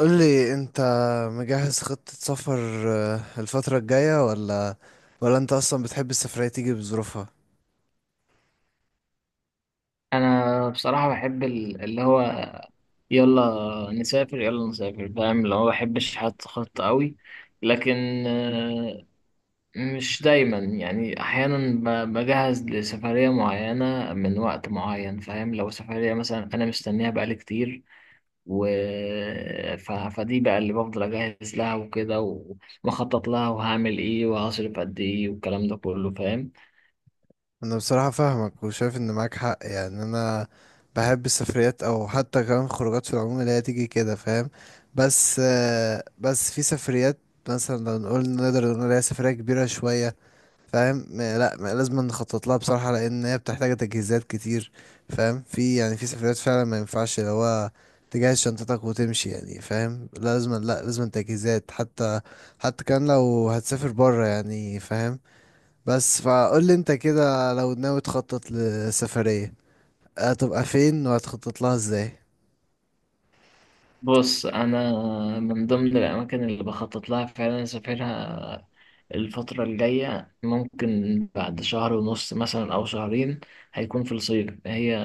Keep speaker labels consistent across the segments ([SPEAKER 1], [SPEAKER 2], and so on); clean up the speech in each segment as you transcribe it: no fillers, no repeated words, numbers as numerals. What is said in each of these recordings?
[SPEAKER 1] قول لي انت مجهز خطة سفر الفترة الجاية ولا ولا انت اصلا بتحب السفرية تيجي بظروفها؟
[SPEAKER 2] انا بصراحه بحب اللي هو يلا نسافر يلا نسافر فاهم اللي هو ما بحبش احط خطه قوي. لكن آه، مش دايما، يعني احيانا بجهز لسفريه معينه من وقت معين، فاهم؟ لو سفريه مثلا انا مستنيها بقالي كتير و فدي بقى اللي بفضل اجهز لها وكده، ومخطط لها وهعمل ايه وهصرف قد ايه والكلام ده كله، فاهم؟
[SPEAKER 1] انا بصراحة فاهمك وشايف ان معاك حق، يعني انا بحب السفريات او حتى كمان خروجات في العموم اللي هي تيجي كده، فاهم؟ بس بس في سفريات مثلا لو نقول نقدر نقول عليها سفرية كبيرة شوية، فاهم؟ م- لا م- لازم نخطط لها بصراحة، لأن هي بتحتاج تجهيزات كتير. فاهم؟ في، يعني في سفريات فعلا ما ينفعش لو هو تجهز شنطتك وتمشي، يعني فاهم؟ لازم، لا لازم تجهيزات، حتى حتى كان لو هتسافر بره، يعني فاهم؟ بس فقول لي انت كده، لو ناوي تخطط لسفرية، هتبقى فين وهتخطط لها ازاي؟
[SPEAKER 2] بص انا من ضمن الاماكن اللي بخطط لها فعلا اسافرها الفتره الجايه، ممكن بعد شهر ونص مثلا او شهرين، هيكون في الصيف، هي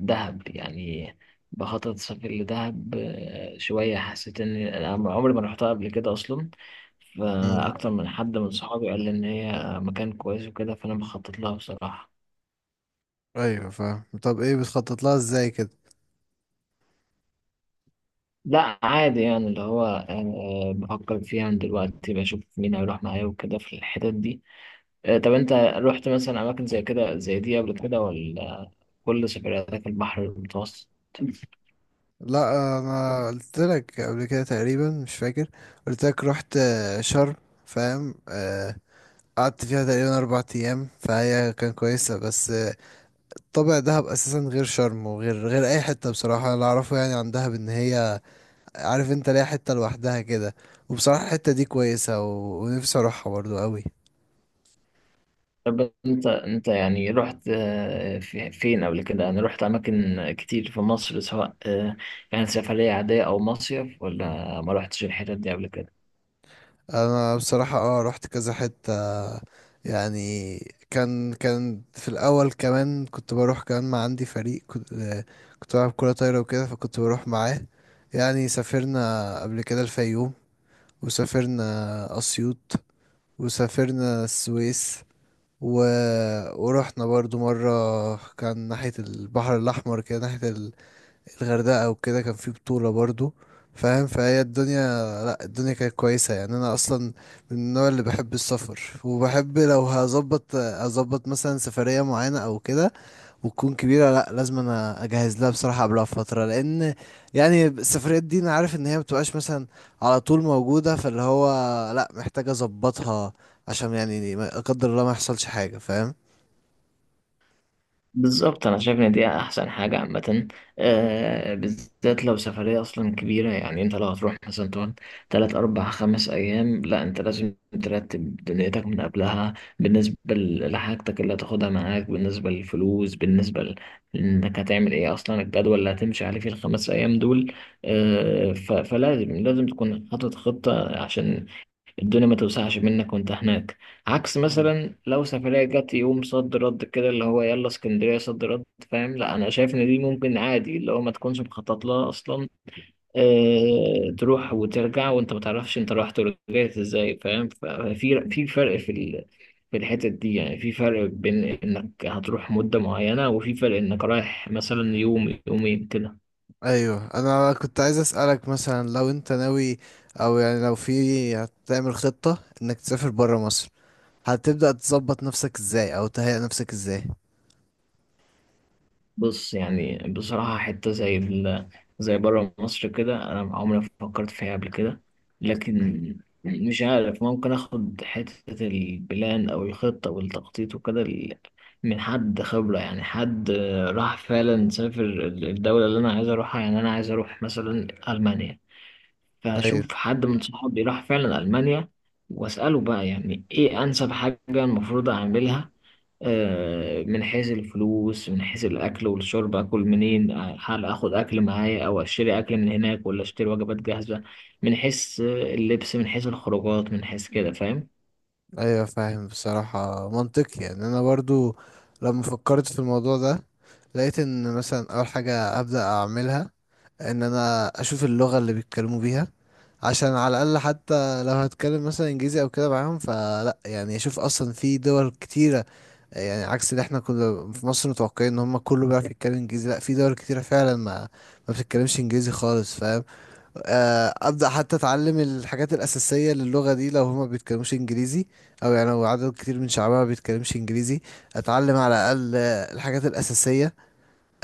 [SPEAKER 2] دهب يعني. بخطط اسافر لدهب شويه، حسيت ان أنا عمري ما رحتها قبل كده اصلا،
[SPEAKER 1] مم.
[SPEAKER 2] فاكتر من حد من صحابي قال لي ان هي مكان كويس وكده، فانا بخطط لها بصراحه.
[SPEAKER 1] ايوه فاهم. طب ايه بتخطط لها ازاي كده؟
[SPEAKER 2] لا عادي، يعني اللي هو بفكر فيها من دلوقتي، بشوف مين هيروح معايا وكده في الحتت دي. طب انت رحت مثلا اماكن زي كده زي دي قبل كده ولا كل سفرياتك البحر المتوسط؟
[SPEAKER 1] لا انا قلت لك قبل كده تقريبا، مش فاكر، قلت لك رحت شرم، فاهم، قعدت فيها تقريبا اربع ايام، فهي كان كويسه، بس طابع دهب اساسا غير شرم، وغير غير اي حته. بصراحه اللي اعرفه يعني عن دهب ان هي، عارف انت ليها حته لوحدها كده، وبصراحه الحته دي كويسه ونفسي اروحها برضو قوي.
[SPEAKER 2] طب انت يعني رحت فين قبل كده؟ يعني رحت اماكن كتير في مصر، سواء كانت سفرية عادية او مصيف، ولا ما رحتش الحتت دي قبل كده؟
[SPEAKER 1] انا بصراحه اه رحت كذا حته يعني. كان في الأول كمان كنت بروح كمان مع عندي فريق، كنت كنت بلعب كرة طايرة وكده، فكنت بروح معاه. يعني سافرنا قبل كده الفيوم، وسافرنا أسيوط، وسافرنا السويس، و... ورحنا برضو مرة كان ناحية البحر الأحمر كده، ناحية الغردقة وكده، كان في بطولة برضو، فاهم؟ فهي الدنيا كانت كويسة. يعني أنا أصلا من النوع اللي بحب السفر، وبحب لو هظبط أظبط مثلا سفرية معينة أو كده وتكون كبيرة، لأ لازم أنا أجهز لها بصراحة قبلها بفترة، لأن يعني السفريات دي أنا عارف إن هي مبتبقاش مثلا على طول موجودة، فاللي هو لأ محتاج أظبطها عشان يعني ما- لا قدر الله ما يحصلش حاجة، فاهم؟
[SPEAKER 2] بالظبط، انا شايف ان دي احسن حاجه عامه، آه، بالذات لو سفريه اصلا كبيره. يعني انت لو هتروح مثلا تقعد تلات اربع خمس ايام، لا انت لازم ترتب دنيتك من قبلها، بالنسبه لحاجتك اللي هتاخدها معاك، بالنسبه للفلوس، بالنسبه انك هتعمل ايه اصلا، الجدول اللي هتمشي عليه في الخمس ايام دول. آه، فلازم تكون حاطط خطه، عشان الدنيا ما توسعش منك وانت هناك. عكس
[SPEAKER 1] مم.
[SPEAKER 2] مثلا لو سفرية جت يوم صد رد كده، اللي هو يلا اسكندرية صد رد. فاهم؟ لا انا شايف ان دي ممكن عادي اللي هو ما تكونش مخطط لها اصلا. اه تروح وترجع وانت ما تعرفش انت رحت ورجعت ازاي، فاهم؟ ففي فرق في في الحتت دي، يعني في فرق بين انك هتروح مدة معينة، وفي فرق انك رايح مثلا يوم يومين كده.
[SPEAKER 1] ايوه انا كنت عايز اسالك، مثلا لو انت ناوي، او يعني لو في هتعمل خطه انك تسافر برا مصر، هتبدأ تظبط نفسك ازاي او تهيئ نفسك ازاي؟
[SPEAKER 2] بص يعني بصراحة حتة زي زي بره مصر كده أنا عمري ما فكرت فيها قبل كده. لكن مش عارف، ممكن آخد حتة البلان أو الخطة والتخطيط وكده من حد خبرة، يعني حد راح فعلا سافر الدولة اللي أنا عايز أروحها. يعني أنا عايز أروح مثلا ألمانيا،
[SPEAKER 1] ايوه.
[SPEAKER 2] فأشوف حد من صحابي راح فعلا ألمانيا، وأسأله بقى يعني إيه أنسب حاجة المفروض أعملها. من حيث الفلوس، من حيث الأكل والشرب، أكل منين، هل آخد أكل معايا أو أشتري أكل من هناك ولا أشتري وجبات جاهزة، من حيث اللبس، من حيث الخروجات، من حيث كده، فاهم؟
[SPEAKER 1] ايوه فاهم، بصراحة منطقي. يعني انا برضو لما فكرت في الموضوع ده، لقيت ان مثلا اول حاجة ابدأ اعملها ان انا اشوف اللغة اللي بيتكلموا بيها، عشان على الاقل حتى لو هتكلم مثلا انجليزي او كده معاهم، فلا يعني اشوف اصلا في دول كتيرة، يعني عكس اللي احنا كنا في مصر متوقعين ان هم كله بيعرف يتكلم انجليزي، لا في دول كتيرة فعلا ما ما بتتكلمش انجليزي خالص، فاهم؟ ابدا حتى اتعلم الحاجات الاساسيه للغه دي لو هما بيتكلموش انجليزي، او يعني لو عدد كتير من شعبها ما بيتكلمش انجليزي، اتعلم على الاقل الحاجات الاساسيه.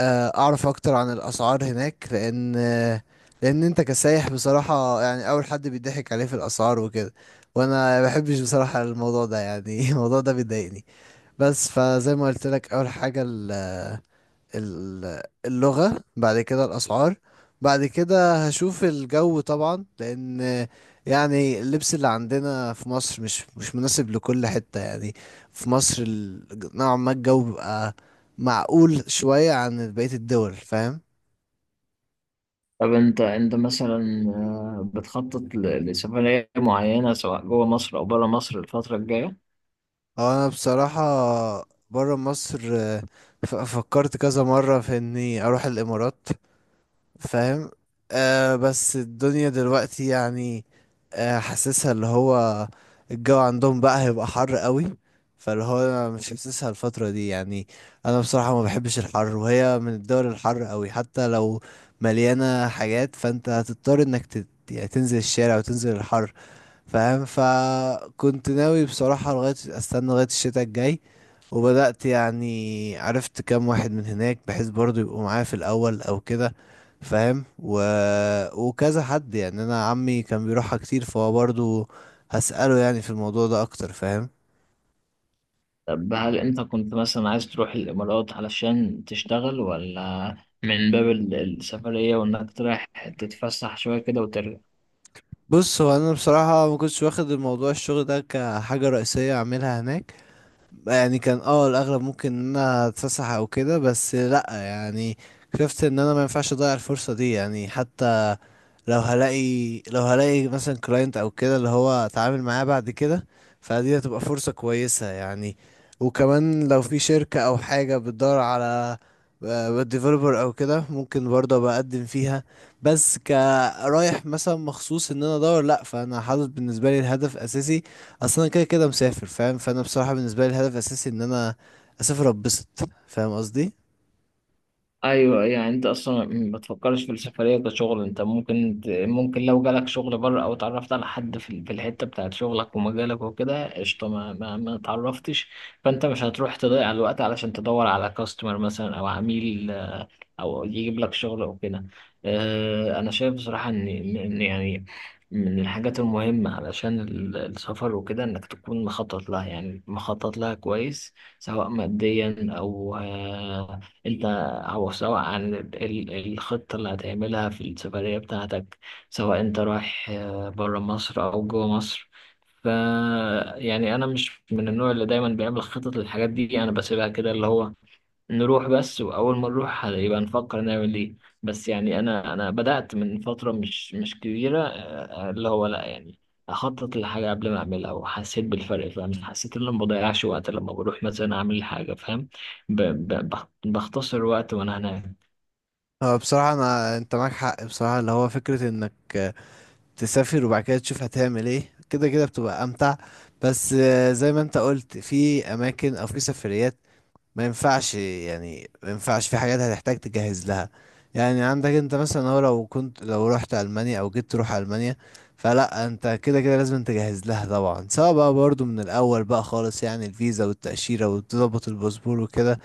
[SPEAKER 1] اعرف اكتر عن الاسعار هناك، لان لان انت كسايح بصراحه، يعني اول حد بيضحك عليه في الاسعار وكده، وانا ما بحبش بصراحه الموضوع ده يعني. الموضوع ده بيضايقني. بس فزي ما قلت لك، اول حاجه اللغة، بعد كده الأسعار، بعد كده هشوف الجو طبعا، لأن يعني اللبس اللي عندنا في مصر مش مناسب لكل حتة. يعني في مصر نوعا ما الجو بيبقى معقول شوية عن بقية الدول، فاهم؟
[SPEAKER 2] طب أنت مثلا بتخطط لسفرية معينة سواء جوه مصر أو بره مصر الفترة الجاية؟
[SPEAKER 1] هو أنا بصراحة برا مصر فكرت كذا مرة في إني أروح الإمارات، فاهم؟ آه بس الدنيا دلوقتي يعني، آه حاسسها اللي هو الجو عندهم بقى هيبقى حر قوي، فاللي هو أنا مش حاسسها الفترة دي يعني. انا بصراحة ما بحبش الحر، وهي من الدول الحر قوي، حتى لو مليانة حاجات فانت هتضطر انك يعني تنزل الشارع وتنزل الحر، فاهم؟ فكنت ناوي بصراحة لغاية، استنى لغاية الشتاء الجاي، وبدأت يعني عرفت كام واحد من هناك بحيث برضو يبقوا معايا في الأول أو كده، فاهم؟ وكذا حد، يعني أنا عمي كان بيروحها كتير فهو برضو هسأله يعني في الموضوع ده أكتر، فاهم؟
[SPEAKER 2] طب هل أنت كنت مثلا عايز تروح الإمارات علشان تشتغل، ولا من باب السفرية وإنك تروح تتفسح شوية كده وترجع؟
[SPEAKER 1] بص، هو أنا بصراحة ما كنتش واخد الموضوع الشغل ده كحاجة رئيسية أعملها هناك، يعني كان اه الاغلب ممكن ان انا اتفسح او كده، بس لا يعني شفت ان انا ما ينفعش اضيع الفرصه دي، يعني حتى لو هلاقي، لو هلاقي مثلا كلاينت او كده اللي هو اتعامل معاه بعد كده، فدي هتبقى فرصة كويسة يعني. وكمان لو في شركة او حاجة بتدور على ديفلوبر او كده، ممكن برضه بقدم فيها. بس كرايح مثلا مخصوص ان انا ادور، لا، فانا حاطط بالنسبه لي الهدف اساسي اصلا كده كده مسافر، فاهم؟ فانا بصراحه بالنسبه لي الهدف اساسي ان انا اسافر اتبسط، فاهم قصدي؟
[SPEAKER 2] ايوه يعني انت اصلا ما بتفكرش في السفريه كشغل. انت ممكن ممكن لو جالك شغل بره او اتعرفت على حد في في الحته بتاعت شغلك ومجالك وكده قشطه، ما اتعرفتش، فانت مش هتروح تضيع الوقت علشان تدور على كاستمر مثلا او عميل او يجيب لك شغل او كده. انا شايف بصراحه ان إن يعني من الحاجات المهمه علشان السفر وكده انك تكون مخطط لها، يعني مخطط لها كويس، سواء ماديا او آه، انت أو سواء عن الخطة اللي هتعملها في السفرية بتاعتك، سواء أنت رايح برا مصر أو جوا مصر. ف يعني أنا مش من النوع اللي دايما بيعمل خطط للحاجات دي، أنا بسيبها كده اللي هو نروح بس، وأول ما نروح يبقى نفكر نعمل إيه. بس يعني أنا بدأت من فترة مش كبيرة اللي هو لأ يعني أخطط للحاجة قبل ما أعملها، وحسيت بالفرق. فاهم؟ حسيت إن أنا ما بضيعش وقت لما بروح مثلا أعمل حاجة، فاهم؟ بختصر وقت وأنا هناك.
[SPEAKER 1] هو بصراحه انا، انت معاك حق بصراحه اللي هو فكره انك تسافر وبعد كده تشوف هتعمل ايه، كده كده بتبقى امتع. بس زي ما انت قلت، في اماكن او في سفريات ما ينفعش، يعني ما ينفعش، في حاجات هتحتاج تجهز لها. يعني عندك انت مثلا، هو لو كنت لو رحت المانيا او جيت تروح المانيا، فلا انت كده كده لازم تجهز لها طبعا، سواء بقى برضو من الاول بقى خالص يعني الفيزا والتأشيرة وتظبط الباسبور وكده،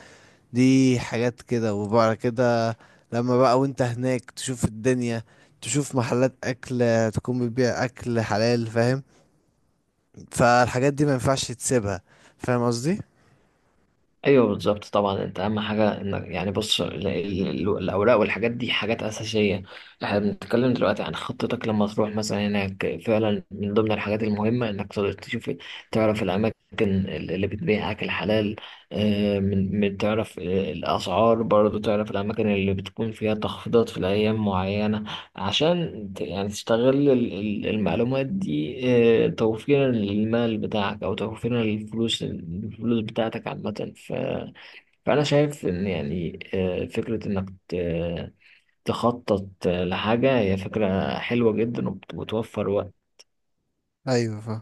[SPEAKER 1] دي حاجات كده. وبعد كده لما بقى وانت هناك تشوف الدنيا، تشوف محلات اكل تكون بتبيع اكل حلال، فاهم؟ فالحاجات دي ما ينفعش تسيبها، فاهم قصدي؟
[SPEAKER 2] ايوه بالظبط طبعا، انت اهم حاجه انك يعني بص الاوراق والحاجات دي حاجات اساسيه. احنا بنتكلم دلوقتي عن خطتك لما تروح مثلا هناك، فعلا من ضمن الحاجات المهمه انك تقدر تشوف، تعرف الاماكن اللي بتبيع اكل حلال، من تعرف الاسعار، برضو تعرف الاماكن اللي بتكون فيها تخفيضات في الايام معينه، عشان يعني تستغل المعلومات دي، توفيرا للمال بتاعك او توفيرا للفلوس، الفلوس بتاعتك عامة. فانا شايف ان يعني فكرة انك تخطط لحاجة هي فكرة حلوة جدا، وبتوفر وقت.
[SPEAKER 1] ايوه فاهم.